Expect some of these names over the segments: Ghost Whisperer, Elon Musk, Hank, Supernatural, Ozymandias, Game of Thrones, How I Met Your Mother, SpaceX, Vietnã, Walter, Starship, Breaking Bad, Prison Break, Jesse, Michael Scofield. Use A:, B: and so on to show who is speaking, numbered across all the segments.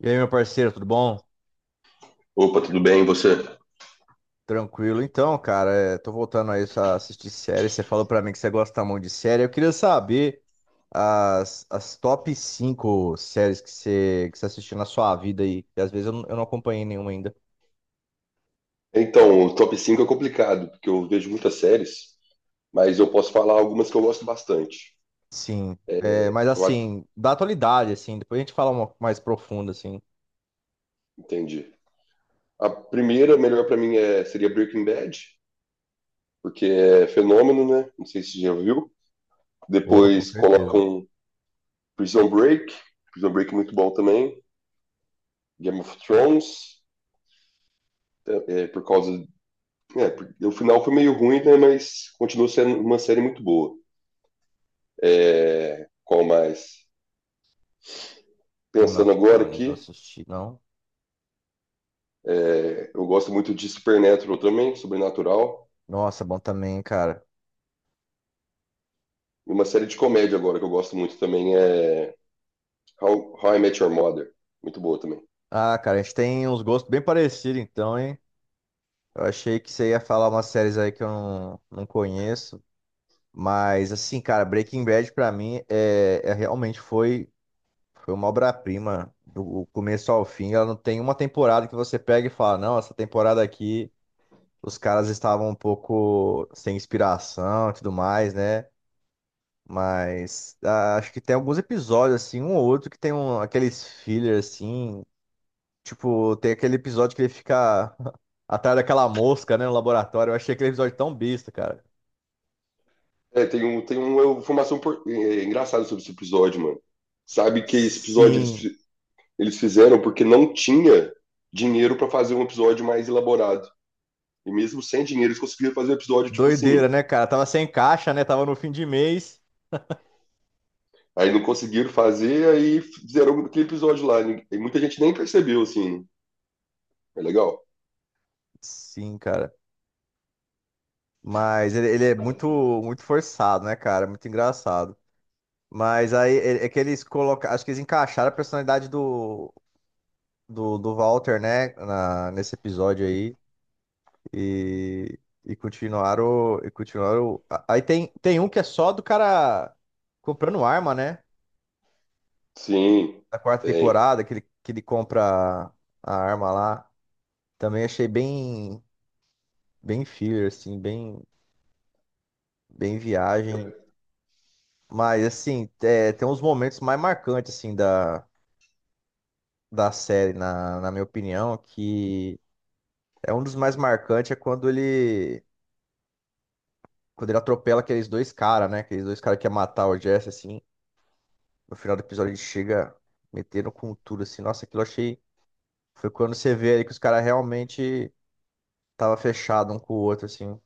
A: E aí, meu parceiro, tudo bom?
B: Opa, tudo bem, e você?
A: Tranquilo. Tô voltando aí a assistir série. Você falou pra mim que você gosta muito de série. Eu queria saber as top 5 séries que você assistiu na sua vida aí. E às vezes eu não acompanhei nenhuma ainda.
B: Então, o top 5 é complicado, porque eu vejo muitas séries, mas eu posso falar algumas que eu gosto bastante.
A: Sim.
B: É,
A: É, mas
B: eu acho,
A: assim, da atualidade, assim, depois a gente fala uma mais profunda, assim.
B: entendi. A primeira, melhor pra mim, seria Breaking Bad, porque é fenômeno, né? Não sei se você já viu.
A: Pô, com
B: Depois
A: certeza.
B: colocam Prison Break, Prison Break é muito bom também. Game of Thrones, por causa. É, o final foi meio ruim, né? Mas continua sendo uma série muito boa. É, qual mais?
A: Game
B: Pensando
A: of
B: agora
A: Thrones, não
B: aqui.
A: assisti, não.
B: É, eu gosto muito de Supernatural também, Sobrenatural.
A: Nossa, bom também, cara.
B: E uma série de comédia agora que eu gosto muito também é How I Met Your Mother. Muito boa também.
A: Ah, cara, a gente tem uns gostos bem parecidos, então, hein? Eu achei que você ia falar umas séries aí que eu não conheço, mas assim, cara, Breaking Bad pra mim é realmente foi, foi uma obra-prima do começo ao fim. Ela não tem uma temporada que você pega e fala, não, essa temporada aqui os caras estavam um pouco sem inspiração e tudo mais, né? Mas acho que tem alguns episódios assim, um ou outro que tem um, aqueles filler assim. Tipo, tem aquele episódio que ele fica atrás daquela mosca, né, no laboratório. Eu achei aquele episódio tão besta, cara.
B: É, tem, um, tem uma informação é, engraçada sobre esse episódio, mano. Sabe que esse episódio eles,
A: Sim,
B: fi- eles fizeram porque não tinha dinheiro pra fazer um episódio mais elaborado. E mesmo sem dinheiro, eles conseguiram fazer um episódio tipo assim.
A: doideira, né, cara? Tava sem caixa, né? Tava no fim de mês.
B: Aí não conseguiram fazer, aí fizeram aquele episódio lá. E muita gente nem percebeu, assim. É legal?
A: Sim, cara. Mas ele é muito, muito forçado, né, cara? Muito engraçado. Mas aí é que eles colocaram. Acho que eles encaixaram a personalidade do Walter, né? Nesse episódio aí. E, e continuaram. E continuaram. Aí tem um que é só do cara comprando arma, né?
B: Sim,
A: Da quarta
B: tem.
A: temporada, que ele compra a arma lá. Também achei bem, bem filler, assim, bem, bem viagem. Mas, assim, é, tem uns momentos mais marcantes, assim, da série, na minha opinião, que é um dos mais marcantes é quando ele atropela aqueles dois caras, né? Aqueles dois caras que ia matar o Jesse, assim. No final do episódio ele chega metendo com tudo, assim. Nossa, aquilo eu achei. Foi quando você vê ali que os caras realmente tava fechado um com o outro, assim.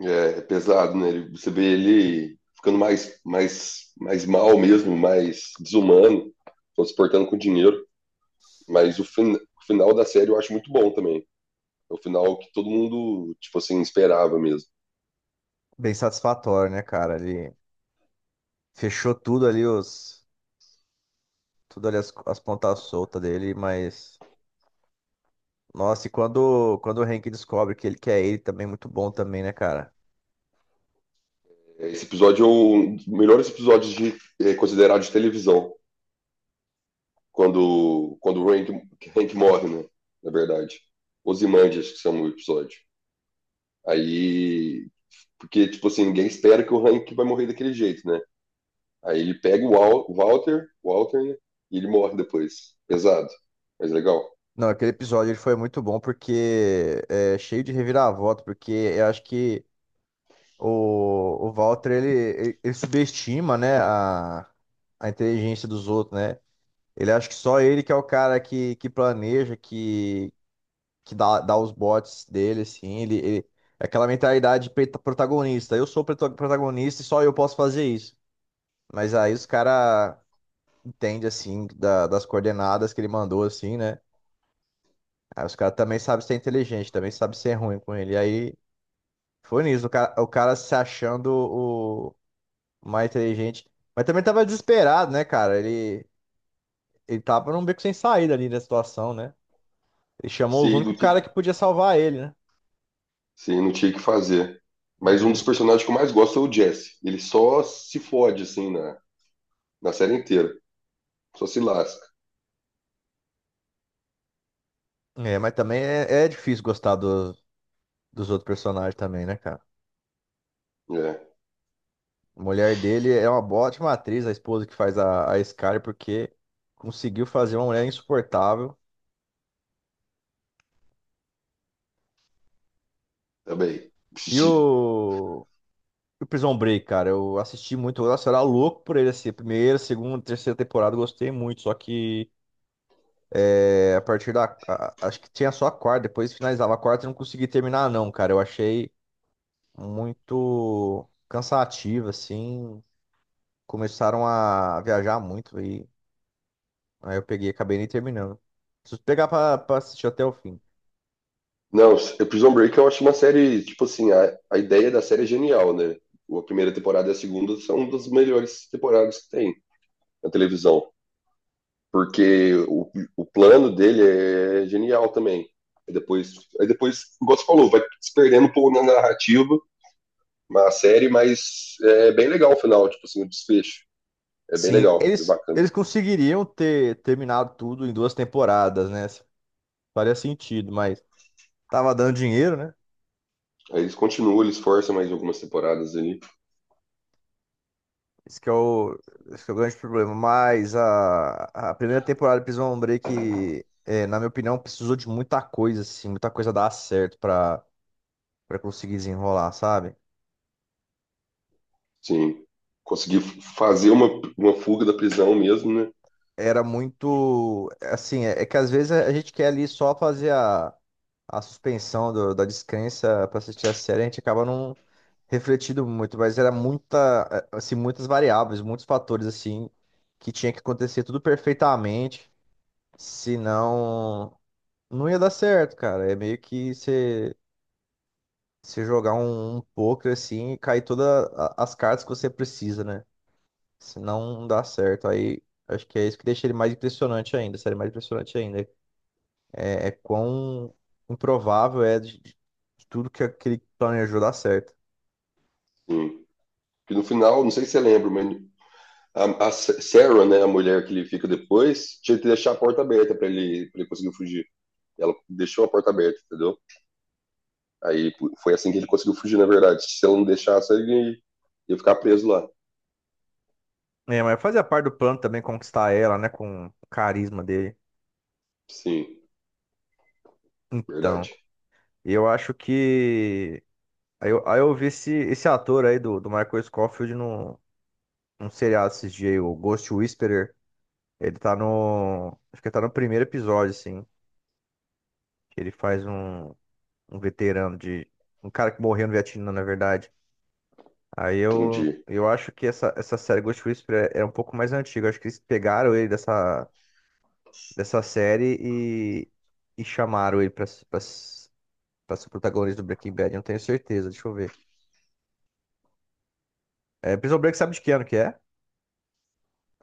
B: É, é pesado, né? Ele- Você vê ele ficando mais mal mesmo, mais desumano, só se portando com dinheiro. Mas o, fin o final da série eu acho muito bom também. É o final que todo mundo, tipo assim, esperava mesmo.
A: Bem satisfatório, né, cara? Ele fechou tudo ali, os. Tudo ali as pontas soltas dele, mas. Nossa, e quando o Hank descobre que ele quer ele também, muito bom também, né, cara?
B: É, esse episódio é um dos melhores episódios de, é, considerado de televisão, quando o Hank, Hank morre, né? Na verdade. Ozymandias, que são o episódio. Aí, porque, tipo assim, ninguém espera que o Hank vai morrer daquele jeito, né? Aí ele pega o o Walter, né? E ele morre depois. Pesado, mas legal.
A: Não, aquele episódio ele foi muito bom porque é cheio de reviravolta, porque eu acho que o Walter, ele subestima, né, a inteligência dos outros, né? Ele acha que só ele que é o cara que planeja, que, que dá os botes dele, assim. É aquela mentalidade protagonista. Eu sou o protagonista e só eu posso fazer isso. Mas aí os caras entendem, assim, das coordenadas que ele mandou, assim, né? Aí os caras também sabem ser inteligente, também sabem ser ruim com ele. E aí foi nisso, o cara se achando mais inteligente. Mas também tava desesperado, né, cara? Ele tava num beco sem saída ali na situação, né? Ele chamou os
B: Sim, não
A: únicos cara
B: tinha,
A: que podia salvar ele, né?
B: sim, não tinha o que fazer. Mas um dos personagens que eu mais gosto é o Jesse. Ele só se fode, assim, na, na série inteira. Só se lasca.
A: É, mas também é difícil gostar dos outros personagens também, né, cara?
B: É,
A: A mulher dele é uma ótima atriz, a esposa que faz a Scar, porque conseguiu fazer uma mulher insuportável.
B: também.
A: E
B: Psi-
A: o Prison Break, cara, eu assisti muito, nossa, eu era louco por ele, assim, a primeira, segunda, terceira temporada, eu gostei muito, só que é, a partir da. Acho que tinha só a quarta, depois finalizava a quarta e não consegui terminar, não, cara. Eu achei muito cansativo, assim. Começaram a viajar muito e aí eu peguei e acabei nem terminando. Preciso pegar pra assistir até o fim.
B: Não, é Prison Break eu acho uma série, tipo assim, a ideia da série é genial, né? A primeira temporada e a segunda são das melhores temporadas que tem na televisão. Porque o plano dele é genial também. Aí depois, aí depois, igual você falou, vai se perdendo um pouco na narrativa, na série, mas é bem legal o final, tipo assim, o desfecho. É bem
A: Sim,
B: legal, é
A: eles,
B: bacana.
A: eles conseguiriam ter terminado tudo em duas temporadas, né? Faria sentido, mas tava dando dinheiro, né?
B: Aí eles continuam, eles forçam mais algumas temporadas ali.
A: Esse que é o, esse que é o grande problema. Mas a primeira temporada de Prison Break, é, na minha opinião, precisou de muita coisa, assim, muita coisa dar certo pra conseguir desenrolar, sabe?
B: Sim, conseguir fazer uma fuga da prisão mesmo, né?
A: Era muito. Assim, é que às vezes a gente quer ali só fazer a suspensão da descrença pra assistir a série, a gente acaba não refletindo muito, mas era muita, é, assim, muitas variáveis, muitos fatores, assim, que tinha que acontecer tudo perfeitamente. Senão, não ia dar certo, cara. É meio que você jogar um poker assim e cair todas as cartas que você precisa, né? Senão não dá certo. Aí acho que é isso que deixa ele mais impressionante ainda, série mais impressionante ainda. É, é quão improvável é de tudo que aquele planejou dar certo.
B: Sim. Que no final, não sei se você lembra, mas a Sarah, né, a mulher que ele fica depois, tinha que deixar a porta aberta para ele, pra ele conseguir fugir. Ela deixou a porta aberta, entendeu? Aí foi assim que ele conseguiu fugir, na verdade. Se eu não deixasse, ele ia ficar preso lá.
A: É, mas fazia parte do plano também conquistar ela, né? Com o carisma dele.
B: Sim,
A: Então,
B: verdade.
A: eu acho que. Aí eu vi esse, esse ator aí do Michael Scofield um seriado esses dias, aí, o Ghost Whisperer. Ele tá no. Acho que tá no primeiro episódio, assim. Que ele faz um, um veterano de. Um cara que morreu no Vietnã, na verdade.
B: Entendi.
A: Eu acho que essa série Ghost Whisperer é um pouco mais antiga. Eu Acho que eles pegaram ele dessa, dessa série e chamaram ele pra ser o protagonista do Breaking Bad. Eu Não tenho certeza, deixa eu ver. É, Prison Break sabe de que ano que é?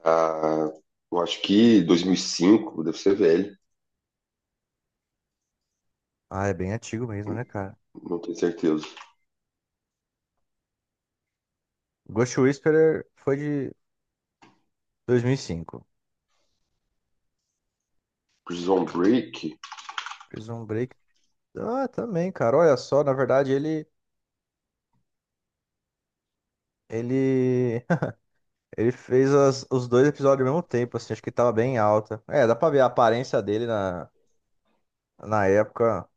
B: Ah, eu acho que 2005, deve ser velho,
A: Ah, é bem antigo mesmo, né, cara?
B: não tenho certeza.
A: Ghost Whisperer foi de 2005.
B: Prison Break,
A: Prison Break ah, também, cara. Olha só, na verdade, ele ele ele fez os dois episódios ao mesmo tempo, assim, acho que tava bem alta. É, dá pra ver a aparência dele na época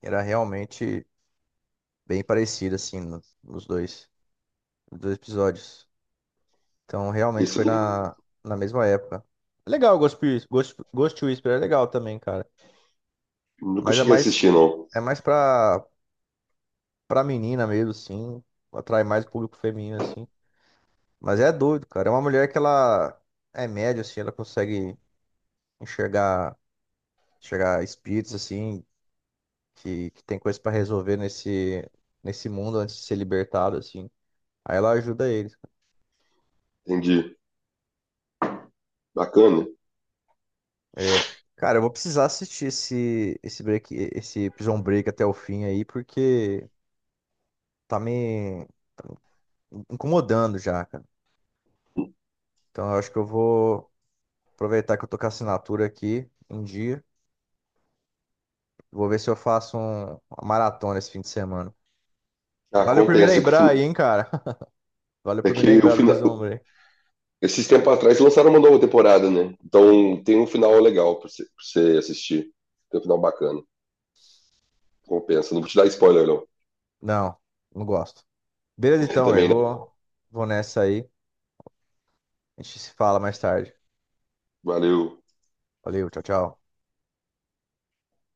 A: era realmente bem parecida, assim, nos dois episódios. Então, realmente
B: esse
A: foi
B: eu nunca,
A: na mesma época. É legal, Ghost Whisperer é legal também, cara.
B: nunca
A: Mas
B: cheguei a assistir, não.
A: é mais pra menina mesmo, assim, atrai mais o público feminino, assim. Mas é doido, cara. É uma mulher que ela é média, assim, ela consegue enxergar, enxergar espíritos, assim, que tem coisa pra resolver nesse, nesse mundo antes de ser libertado, assim. Aí ela ajuda eles.
B: Entendi. Bacana.
A: É, cara, eu vou precisar assistir esse Prison Break até o fim aí, porque tá me incomodando já, cara. Então eu acho que eu vou aproveitar que eu tô com a assinatura aqui em dia. Vou ver se eu faço uma maratona esse fim de semana.
B: Ah,
A: Valeu por me
B: compensa que o
A: lembrar
B: fin...
A: aí, hein, cara. Valeu
B: é
A: por me
B: que o
A: lembrar do
B: final.
A: Prisão Homem.
B: Esses tempos atrás lançaram uma nova temporada, né? Então tem um final legal pra você assistir. Tem um final bacana. Compensa. Não vou te dar spoiler, não.
A: Não, não gosto. Beleza então, velho.
B: Também não.
A: Vou, vou nessa aí. A gente se fala mais tarde.
B: Valeu.
A: Valeu, tchau, tchau.